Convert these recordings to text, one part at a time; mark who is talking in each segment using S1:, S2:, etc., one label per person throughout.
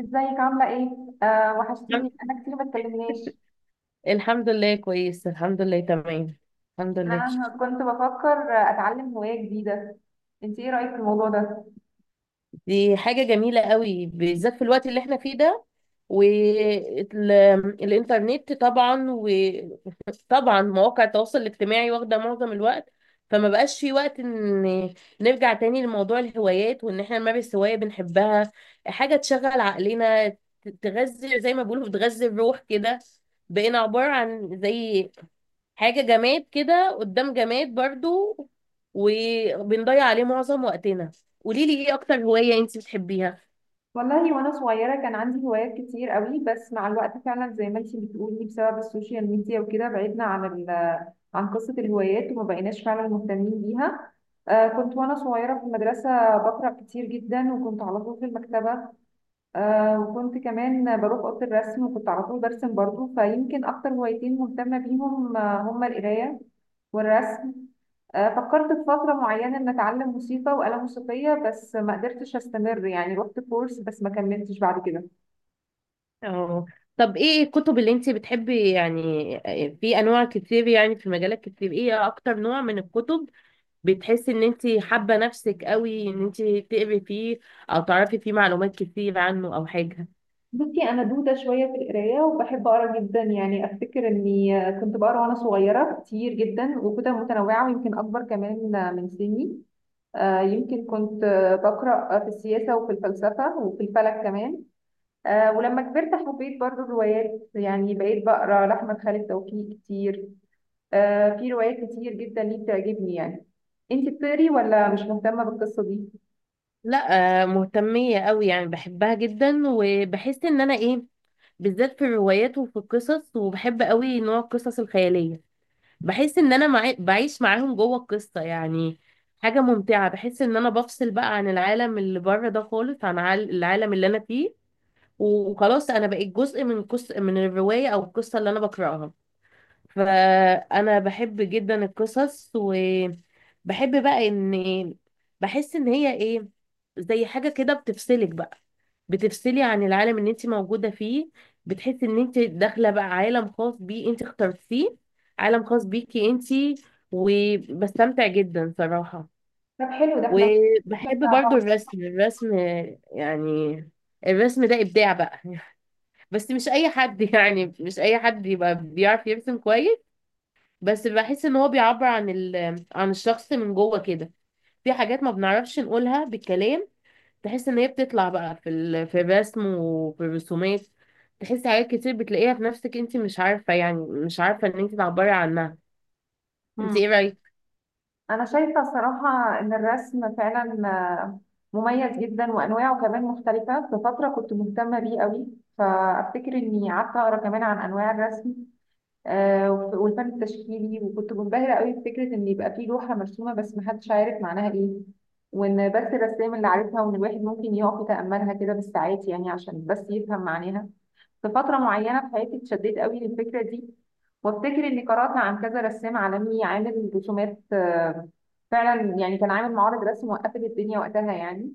S1: ازيك عاملة ايه؟ آه
S2: الحمد
S1: وحشتيني، انا كتير ما اتكلمناش.
S2: الحمد لله كويس، الحمد لله تمام، الحمد لله.
S1: انا كنت بفكر اتعلم هواية جديدة، انت ايه رأيك في الموضوع ده؟
S2: دي حاجة جميلة قوي بالذات في الوقت اللي احنا فيه ده. والإنترنت طبعا مواقع التواصل الاجتماعي واخدة معظم الوقت، فما بقاش في وقت ان نرجع تاني لموضوع الهوايات وان احنا نمارس هواية بنحبها، حاجة تشغل عقلنا تغذي، زي ما بيقولوا بتغذي الروح كده. بقينا عبارة عن زي حاجة جماد كده قدام جماد برضو، وبنضيع عليه معظم وقتنا. قولي لي ايه اكتر هواية انت بتحبيها.
S1: والله وانا صغيرة كان عندي هوايات كتير قوي، بس مع الوقت فعلا زي ما انت بتقولي بسبب السوشيال ميديا وكده بعدنا عن ال عن قصة الهوايات وما بقيناش فعلا مهتمين بيها. آه كنت وانا صغيرة في المدرسة بقرأ كتير جدا وكنت على طول في المكتبة. آه وكنت كمان بروح أوضة الرسم وكنت على طول برسم برضو، فيمكن أكتر هوايتين مهتمة بيهم هما القراية والرسم. آه فكرت في فترة معينة إن أتعلم موسيقى وآلة موسيقية، بس ما قدرتش أستمر، يعني رحت كورس بس ما كملتش بعد كده.
S2: اه، طب ايه الكتب اللي انت بتحبي يعني؟ في انواع كتير، يعني في مجالات كتير. ايه اكتر نوع من الكتب بتحسي ان انت حابة نفسك قوي ان انت تقري فيه او تعرفي فيه معلومات كتير عنه او حاجة؟
S1: بصي أنا دودة شوية في القراية وبحب أقرأ جدا، يعني أفتكر إني كنت بقرأ وأنا صغيرة كتير جدا وكتب متنوعة ويمكن أكبر كمان من سني. آه يمكن كنت بقرأ في السياسة وفي الفلسفة وفي الفلك كمان. آه ولما كبرت حبيت برضو الروايات، يعني بقيت بقرا لأحمد خالد توفيق كتير. آه في روايات كتير جدا ليه بتعجبني يعني. انت بتقري ولا مش مهتمة بالقصة دي؟
S2: لا مهتمية قوي يعني، بحبها جدا، وبحس ان انا ايه، بالذات في الروايات وفي القصص. وبحب قوي نوع القصص الخيالية، بحس ان انا معي بعيش معاهم جوه القصة يعني. حاجة ممتعة، بحس ان انا بفصل بقى عن العالم اللي بره ده خالص، عن العالم اللي انا فيه، وخلاص انا بقيت جزء من من الرواية او القصة اللي انا بقرأها. فانا بحب جدا القصص، وبحب بقى ان، بحس ان هي ايه، زي حاجة كده بتفصلك بقى، بتفصلي عن العالم اللي انت موجودة فيه، بتحسي ان انت داخلة بقى عالم خاص بيه انت اخترتيه، عالم خاص بيكي انت. وبستمتع جدا صراحة.
S1: طب حلو، ده احنا
S2: وبحب
S1: نشجع
S2: برضو
S1: بعض.
S2: الرسم. يعني الرسم ده إبداع بقى بس مش أي حد يعني مش أي حد يبقى بيعرف يرسم كويس. بس بحس ان هو بيعبر عن ال... عن الشخص من جوه كده، في حاجات ما بنعرفش نقولها بالكلام، تحس ان هي بتطلع بقى في ال... في الرسم وفي الرسومات. تحس حاجات كتير بتلاقيها في نفسك انت مش عارفة، يعني مش عارفة ان انت تعبري عنها. انت ايه
S1: مم.
S2: رأيك؟
S1: انا شايفة صراحة ان الرسم فعلا مميز جدا وانواعه كمان مختلفة، في فترة كنت مهتمة بيه قوي، فافتكر اني قعدت اقرا كمان عن انواع الرسم والفن التشكيلي، وكنت منبهرة قوي بفكرة ان يبقى في لوحة مرسومة بس محدش عارف معناها ايه، وان بس الرسام اللي عارفها، وان الواحد ممكن يقف يتأملها كده بالساعات يعني عشان بس يفهم معناها. في فترة معينة في حياتي اتشددت قوي للفكرة دي، وافتكر اني قرأت عن كذا رسام عالمي عامل رسومات فعلا يعني، كان عامل معارض رسم وقفت الدنيا وقتها يعني.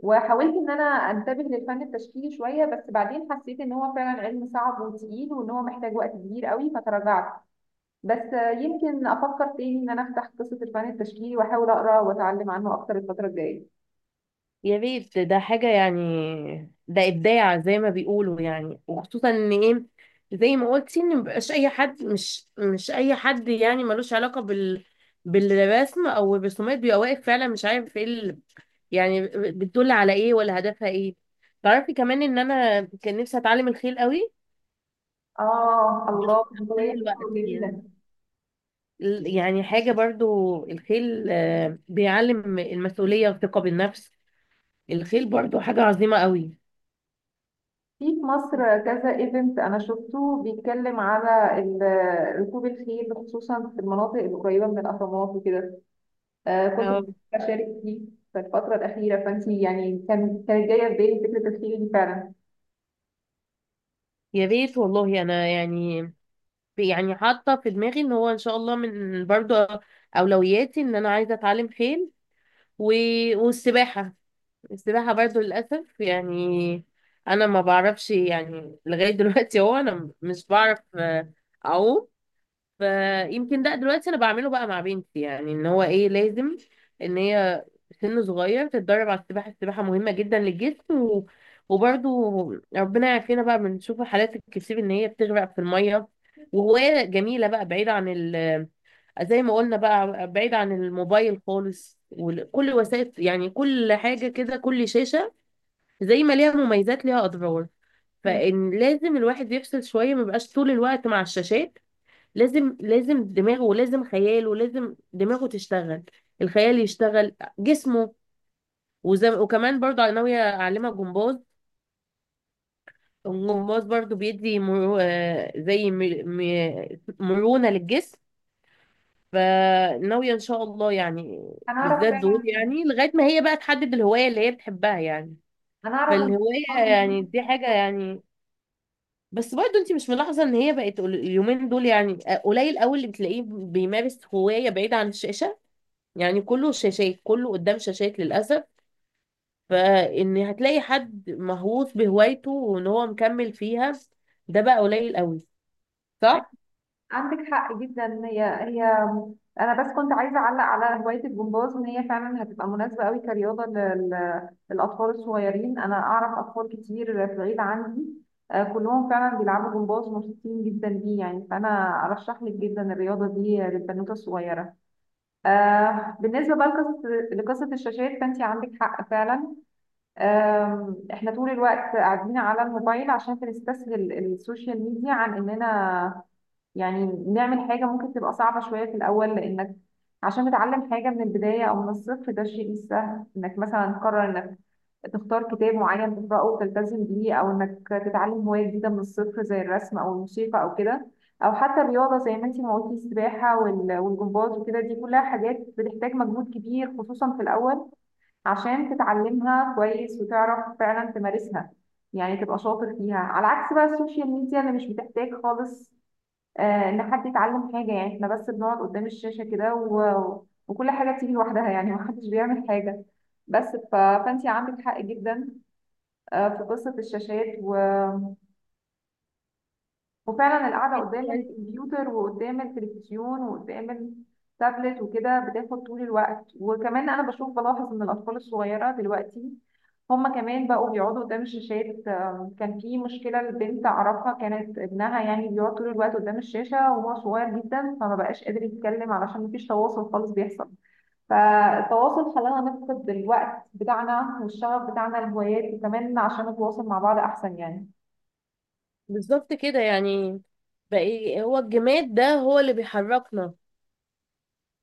S1: وحاولت ان انا انتبه للفن التشكيلي شويه، بس بعدين حسيت ان هو فعلا علم صعب وتقيل وان هو محتاج وقت كبير قوي فتراجعت. بس يمكن افكر تاني ان انا افتح قصه الفن التشكيلي واحاول اقرا واتعلم عنه اكتر الفتره الجايه.
S2: يا ريت، ده حاجة يعني، ده إبداع زي ما بيقولوا يعني. وخصوصا ان ايه، زي ما قلتي ان مبقاش اي حد، مش اي حد يعني ملوش علاقة بال، بالرسم او الرسومات، بيبقى واقف فعلا مش عارف ايه يعني، بتدل على ايه ولا هدفها ايه. تعرفي كمان ان انا كان نفسي اتعلم الخيل قوي،
S1: اه
S2: بس
S1: الله،
S2: عشان
S1: هواية حلوة
S2: الوقت
S1: جميلة. في
S2: يعني. يعني حاجة برضو الخيل بيعلم المسؤولية والثقة بالنفس. الخيل برضو حاجة عظيمة قوي.
S1: في مصر كذا ايفنت انا شفته بيتكلم على ركوب الخيل خصوصا في المناطق القريبه من الاهرامات وكده. آه كنت
S2: اه،
S1: بفكر اشارك فيه في الفتره الاخيره، فانتي يعني كانت جايه في بالي فكره الخيل دي فعلا.
S2: يا ريت والله. انا يعني، يعني حاطة في دماغي ان هو ان شاء الله من برضو اولوياتي ان انا عايزة اتعلم خيل، و... والسباحة. السباحة برضو للأسف يعني، أنا ما بعرفش يعني لغاية دلوقتي. هو أنا مش بعرف أعوم، فيمكن ده دلوقتي انا بعمله بقى مع بنتي، يعني ان هو ايه لازم ان هي سن صغير تتدرب على السباحه. السباحه مهمه جدا للجسم، و... وبرضو ربنا يعافينا بقى، بنشوف الحالات الكتير ان هي بتغرق في الميه. وهوايه جميله بقى بعيده عن ال...، زي ما قلنا بقى بعيد عن الموبايل خالص وكل وسائل، يعني كل حاجه كده، كل شاشه زي ما ليها مميزات ليها اضرار. فان لازم الواحد يفصل شويه، ما يبقاش طول الوقت مع الشاشات. لازم، لازم دماغه ولازم خياله ولازم دماغه تشتغل، الخيال يشتغل، جسمه. وكمان برضو انا ناويه اعلمها جمباز. الجمباز برضو بيدي مرو... زي مرونه للجسم. فناويه ان شاء الله يعني
S1: انا اعرف
S2: بالذات دول،
S1: فعلا،
S2: يعني لغايه ما هي بقى تحدد الهوايه اللي هي بتحبها يعني.
S1: انا اعرف ان
S2: فالهوايه يعني دي حاجه
S1: مصر،
S2: يعني. بس برضه انت مش ملاحظه ان هي بقت اليومين دول يعني قليل قوي اللي بتلاقيه بيمارس هوايه بعيد عن الشاشه؟ يعني كله شاشات، كله قدام شاشات للأسف. فإن هتلاقي حد مهووس بهوايته وإن هو مكمل فيها، ده بقى قليل قوي. صح؟
S1: عندك حق جدا. هي انا بس كنت عايزه اعلق على هوايه الجمباز، ان هي فعلا هتبقى مناسبه قوي كرياضه للاطفال الصغيرين. انا اعرف اطفال كتير في العيله عندي كلهم فعلا بيلعبوا جمباز ومبسوطين جدا بيه يعني، فانا ارشح لك جدا الرياضه دي للبنوته الصغيره. آه بالنسبه بقى لقصه الشاشات، فانت عندك حق فعلا. آه احنا طول الوقت قاعدين على الموبايل عشان بنستسهل السوشيال ميديا عن اننا يعني نعمل حاجة ممكن تبقى صعبة شوية في الأول، لأنك عشان تتعلم حاجة من البداية أو من الصفر ده الشيء مش سهل، إنك مثلا تقرر إنك تختار كتاب معين تقرأه وتلتزم بيه، أو إنك تتعلم هواية جديدة من الصفر زي الرسم أو الموسيقى أو كده، أو حتى الرياضة زي ما أنتي ما قلتي السباحة والجمباز وكده، دي كلها حاجات بتحتاج مجهود كبير خصوصا في الأول عشان تتعلمها كويس وتعرف فعلا تمارسها، يعني تبقى شاطر فيها. على عكس بقى السوشيال ميديا اللي مش بتحتاج خالص ان حد يتعلم حاجه، يعني احنا بس بنقعد قدام الشاشه كده و... وكل حاجه بتيجي لوحدها، يعني محدش بيعمل حاجه. بس ف... فانت عندك حق جدا في قصه الشاشات، و... وفعلا القعدة قدام
S2: يعني
S1: الكمبيوتر وقدام التلفزيون وقدام التابلت وكده بتاخد طول الوقت. وكمان أنا بشوف بلاحظ إن الأطفال الصغيرة دلوقتي هما كمان بقوا بيقعدوا قدام الشاشات. كان في مشكلة لبنت أعرفها كانت ابنها يعني بيقعد طول الوقت قدام الشاشة وهو صغير جدا، فما بقاش قادر يتكلم علشان مفيش تواصل خالص بيحصل. فالتواصل خلانا نفقد الوقت بتاعنا والشغف بتاعنا الهوايات، وكمان عشان نتواصل مع بعض أحسن يعني.
S2: بالظبط كده يعني. بقى هو الجماد ده هو اللي بيحركنا.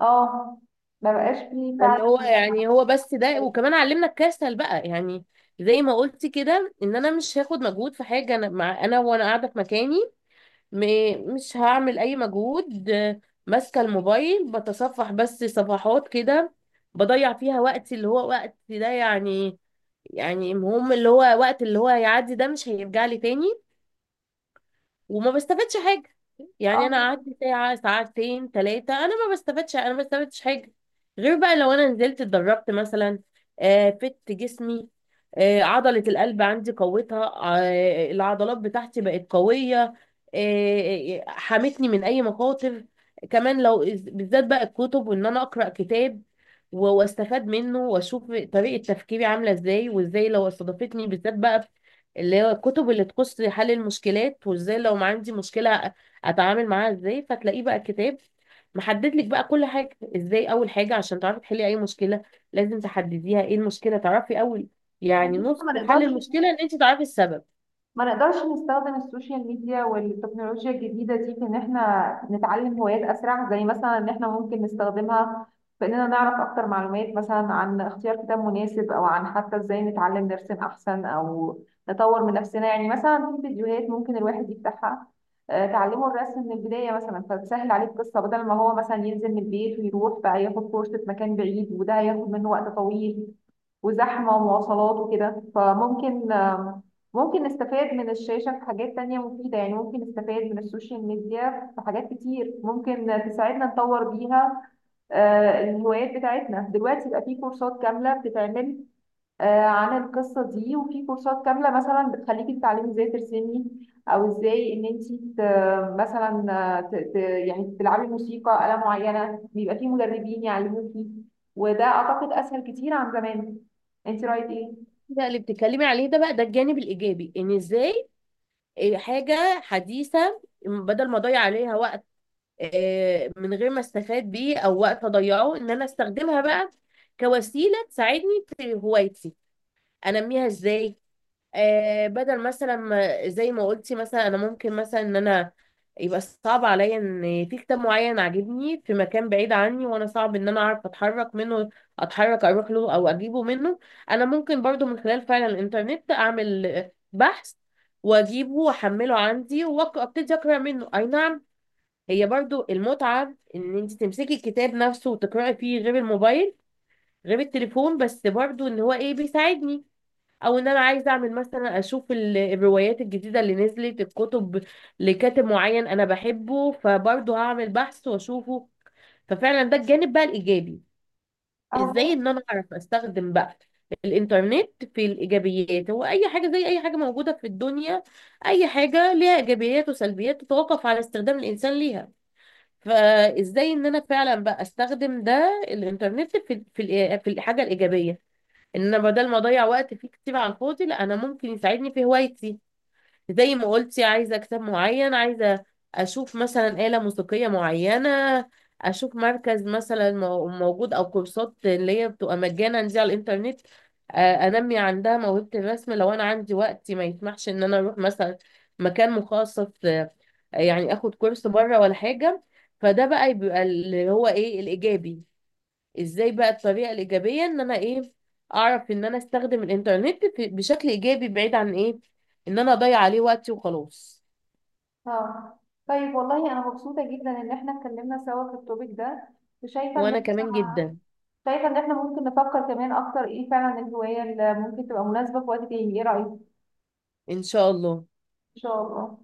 S1: اه ما بقاش فيه
S2: اللي هو
S1: فعلا.
S2: يعني، هو بس ده. وكمان علمنا الكسل بقى يعني. زي ما قلت كده ان انا مش هاخد مجهود في حاجه، انا مع انا، وانا قاعده في مكاني، مش هعمل اي مجهود، ماسكه الموبايل بتصفح بس صفحات كده، بضيع فيها وقتي اللي هو وقت ده يعني. يعني المهم اللي هو وقت، اللي هو هيعدي ده مش هيرجع لي تاني، وما بستفادش حاجة. يعني
S1: اه
S2: أنا قعدت ساعة، ساعتين، ثلاثة، أنا ما بستفادش، أنا ما بستفادش حاجة. غير بقى لو أنا نزلت اتدربت مثلا، آه فت جسمي، آه عضلة القلب عندي قوتها، آه العضلات بتاعتي بقت قوية، حمتني من أي مخاطر. كمان لو، بالذات بقى الكتب، وإن أنا أقرأ كتاب واستفاد منه، واشوف طريقة تفكيري عاملة ازاي، وازاي لو استضافتني. بالذات بقى اللي هو الكتب اللي تخص حل المشكلات، وازاي لو ما عندي مشكلة اتعامل معاها ازاي، فتلاقيه بقى كتاب محدد لك بقى كل حاجة ازاي. اول حاجة عشان تعرفي تحلي اي مشكلة، لازم تحدديها ايه المشكلة، تعرفي اول، يعني
S1: بس
S2: نص
S1: ما
S2: حل
S1: نقدرش،
S2: المشكلة ان انت تعرفي السبب.
S1: ما نقدرش نستخدم السوشيال ميديا والتكنولوجيا الجديدة دي في إن إحنا نتعلم هوايات أسرع؟ زي مثلا إن إحنا ممكن نستخدمها في إننا نعرف أكتر معلومات مثلا عن اختيار كتاب مناسب، أو عن حتى إزاي نتعلم نرسم أحسن أو نطور من نفسنا. يعني مثلا في فيديوهات ممكن الواحد يفتحها تعلمه الرسم من البداية مثلا، فتسهل عليه القصة بدل ما هو مثلا ينزل من البيت ويروح بقى ياخد كورس في مكان بعيد وده هياخد منه وقت طويل وزحمة ومواصلات وكده. فممكن ممكن نستفاد من الشاشة في حاجات تانية مفيدة، يعني ممكن نستفاد من السوشيال ميديا في حاجات كتير ممكن تساعدنا نطور بيها الهوايات بتاعتنا. دلوقتي بقى في كورسات كاملة بتتعمل عن القصة دي، وفي كورسات كاملة مثلا بتخليكي تتعلمي ازاي ترسمي، او ازاي ان انت مثلا يعني تلعبي موسيقى آلة معينة، بيبقى في مدربين يعلموكي، وده اعتقد اسهل كتير عن زمان. انت رايك ايه؟
S2: ده اللي بتتكلمي عليه ده بقى، ده الجانب الايجابي، ان ازاي إيه حاجة حديثة بدل ما اضيع عليها وقت من غير ما استفاد بيه، او وقت اضيعه ان انا استخدمها بقى كوسيلة تساعدني في هوايتي، انميها ازاي. آه بدل مثلا ما، زي ما قلتي مثلا، انا ممكن مثلا ان انا، يبقى صعب عليا ان في كتاب معين عاجبني في مكان بعيد عني، وانا صعب ان انا اعرف اتحرك منه، اتحرك اروح له او اجيبه منه. انا ممكن برضو من خلال فعلا الانترنت اعمل بحث واجيبه، واحمله عندي، وابتدي اقرا منه. اي نعم، هي برضو المتعة ان انت تمسكي الكتاب نفسه وتقرأي فيه، غير الموبايل غير التليفون، بس برضو ان هو ايه بيساعدني. او ان انا عايزه اعمل مثلا، اشوف الروايات الجديده اللي نزلت، الكتب لكاتب معين انا بحبه، فبرضه هعمل بحث واشوفه. ففعلا ده الجانب بقى الايجابي،
S1: اهو
S2: ازاي
S1: جاهز؟
S2: ان انا اعرف استخدم بقى الانترنت في الايجابيات. هو اي حاجه زي اي حاجه موجوده في الدنيا، اي حاجه ليها ايجابيات وسلبيات تتوقف على استخدام الانسان ليها. فازاي ان انا فعلا بقى استخدم ده الانترنت في في الحاجه الايجابيه. ان انا بدل ما اضيع وقت فيه كتير على الفاضي، لا انا ممكن يساعدني في هوايتي. زي ما قلتي، عايزه كتاب معين، عايزه اشوف مثلا آلة موسيقية معينة، اشوف مركز مثلا موجود، او كورسات اللي هي بتبقى مجانا دي على الانترنت انمي عندها موهبة الرسم لو انا عندي وقت ما يسمحش ان انا اروح مثلا مكان مخصص، يعني اخد كورس بره ولا حاجة. فده بقى بيبقى اللي هو ايه الايجابي، ازاي بقى الطريقه الايجابيه ان انا ايه، اعرف ان انا استخدم الانترنت بشكل ايجابي، بعيد عن ايه، ان انا اضيع عليه وقتي وخلاص.
S1: اه طيب، والله انا مبسوطة جدا ان احنا اتكلمنا سوا في التوبيك ده، وشايفة ان
S2: وانا
S1: احنا،
S2: كمان جدا.
S1: شايفة ان احنا ممكن نفكر كمان اكتر ايه فعلا الهواية اللي ممكن تبقى مناسبة في وقت تاني، ايه رأيك؟ ان
S2: ان شاء الله.
S1: شاء الله.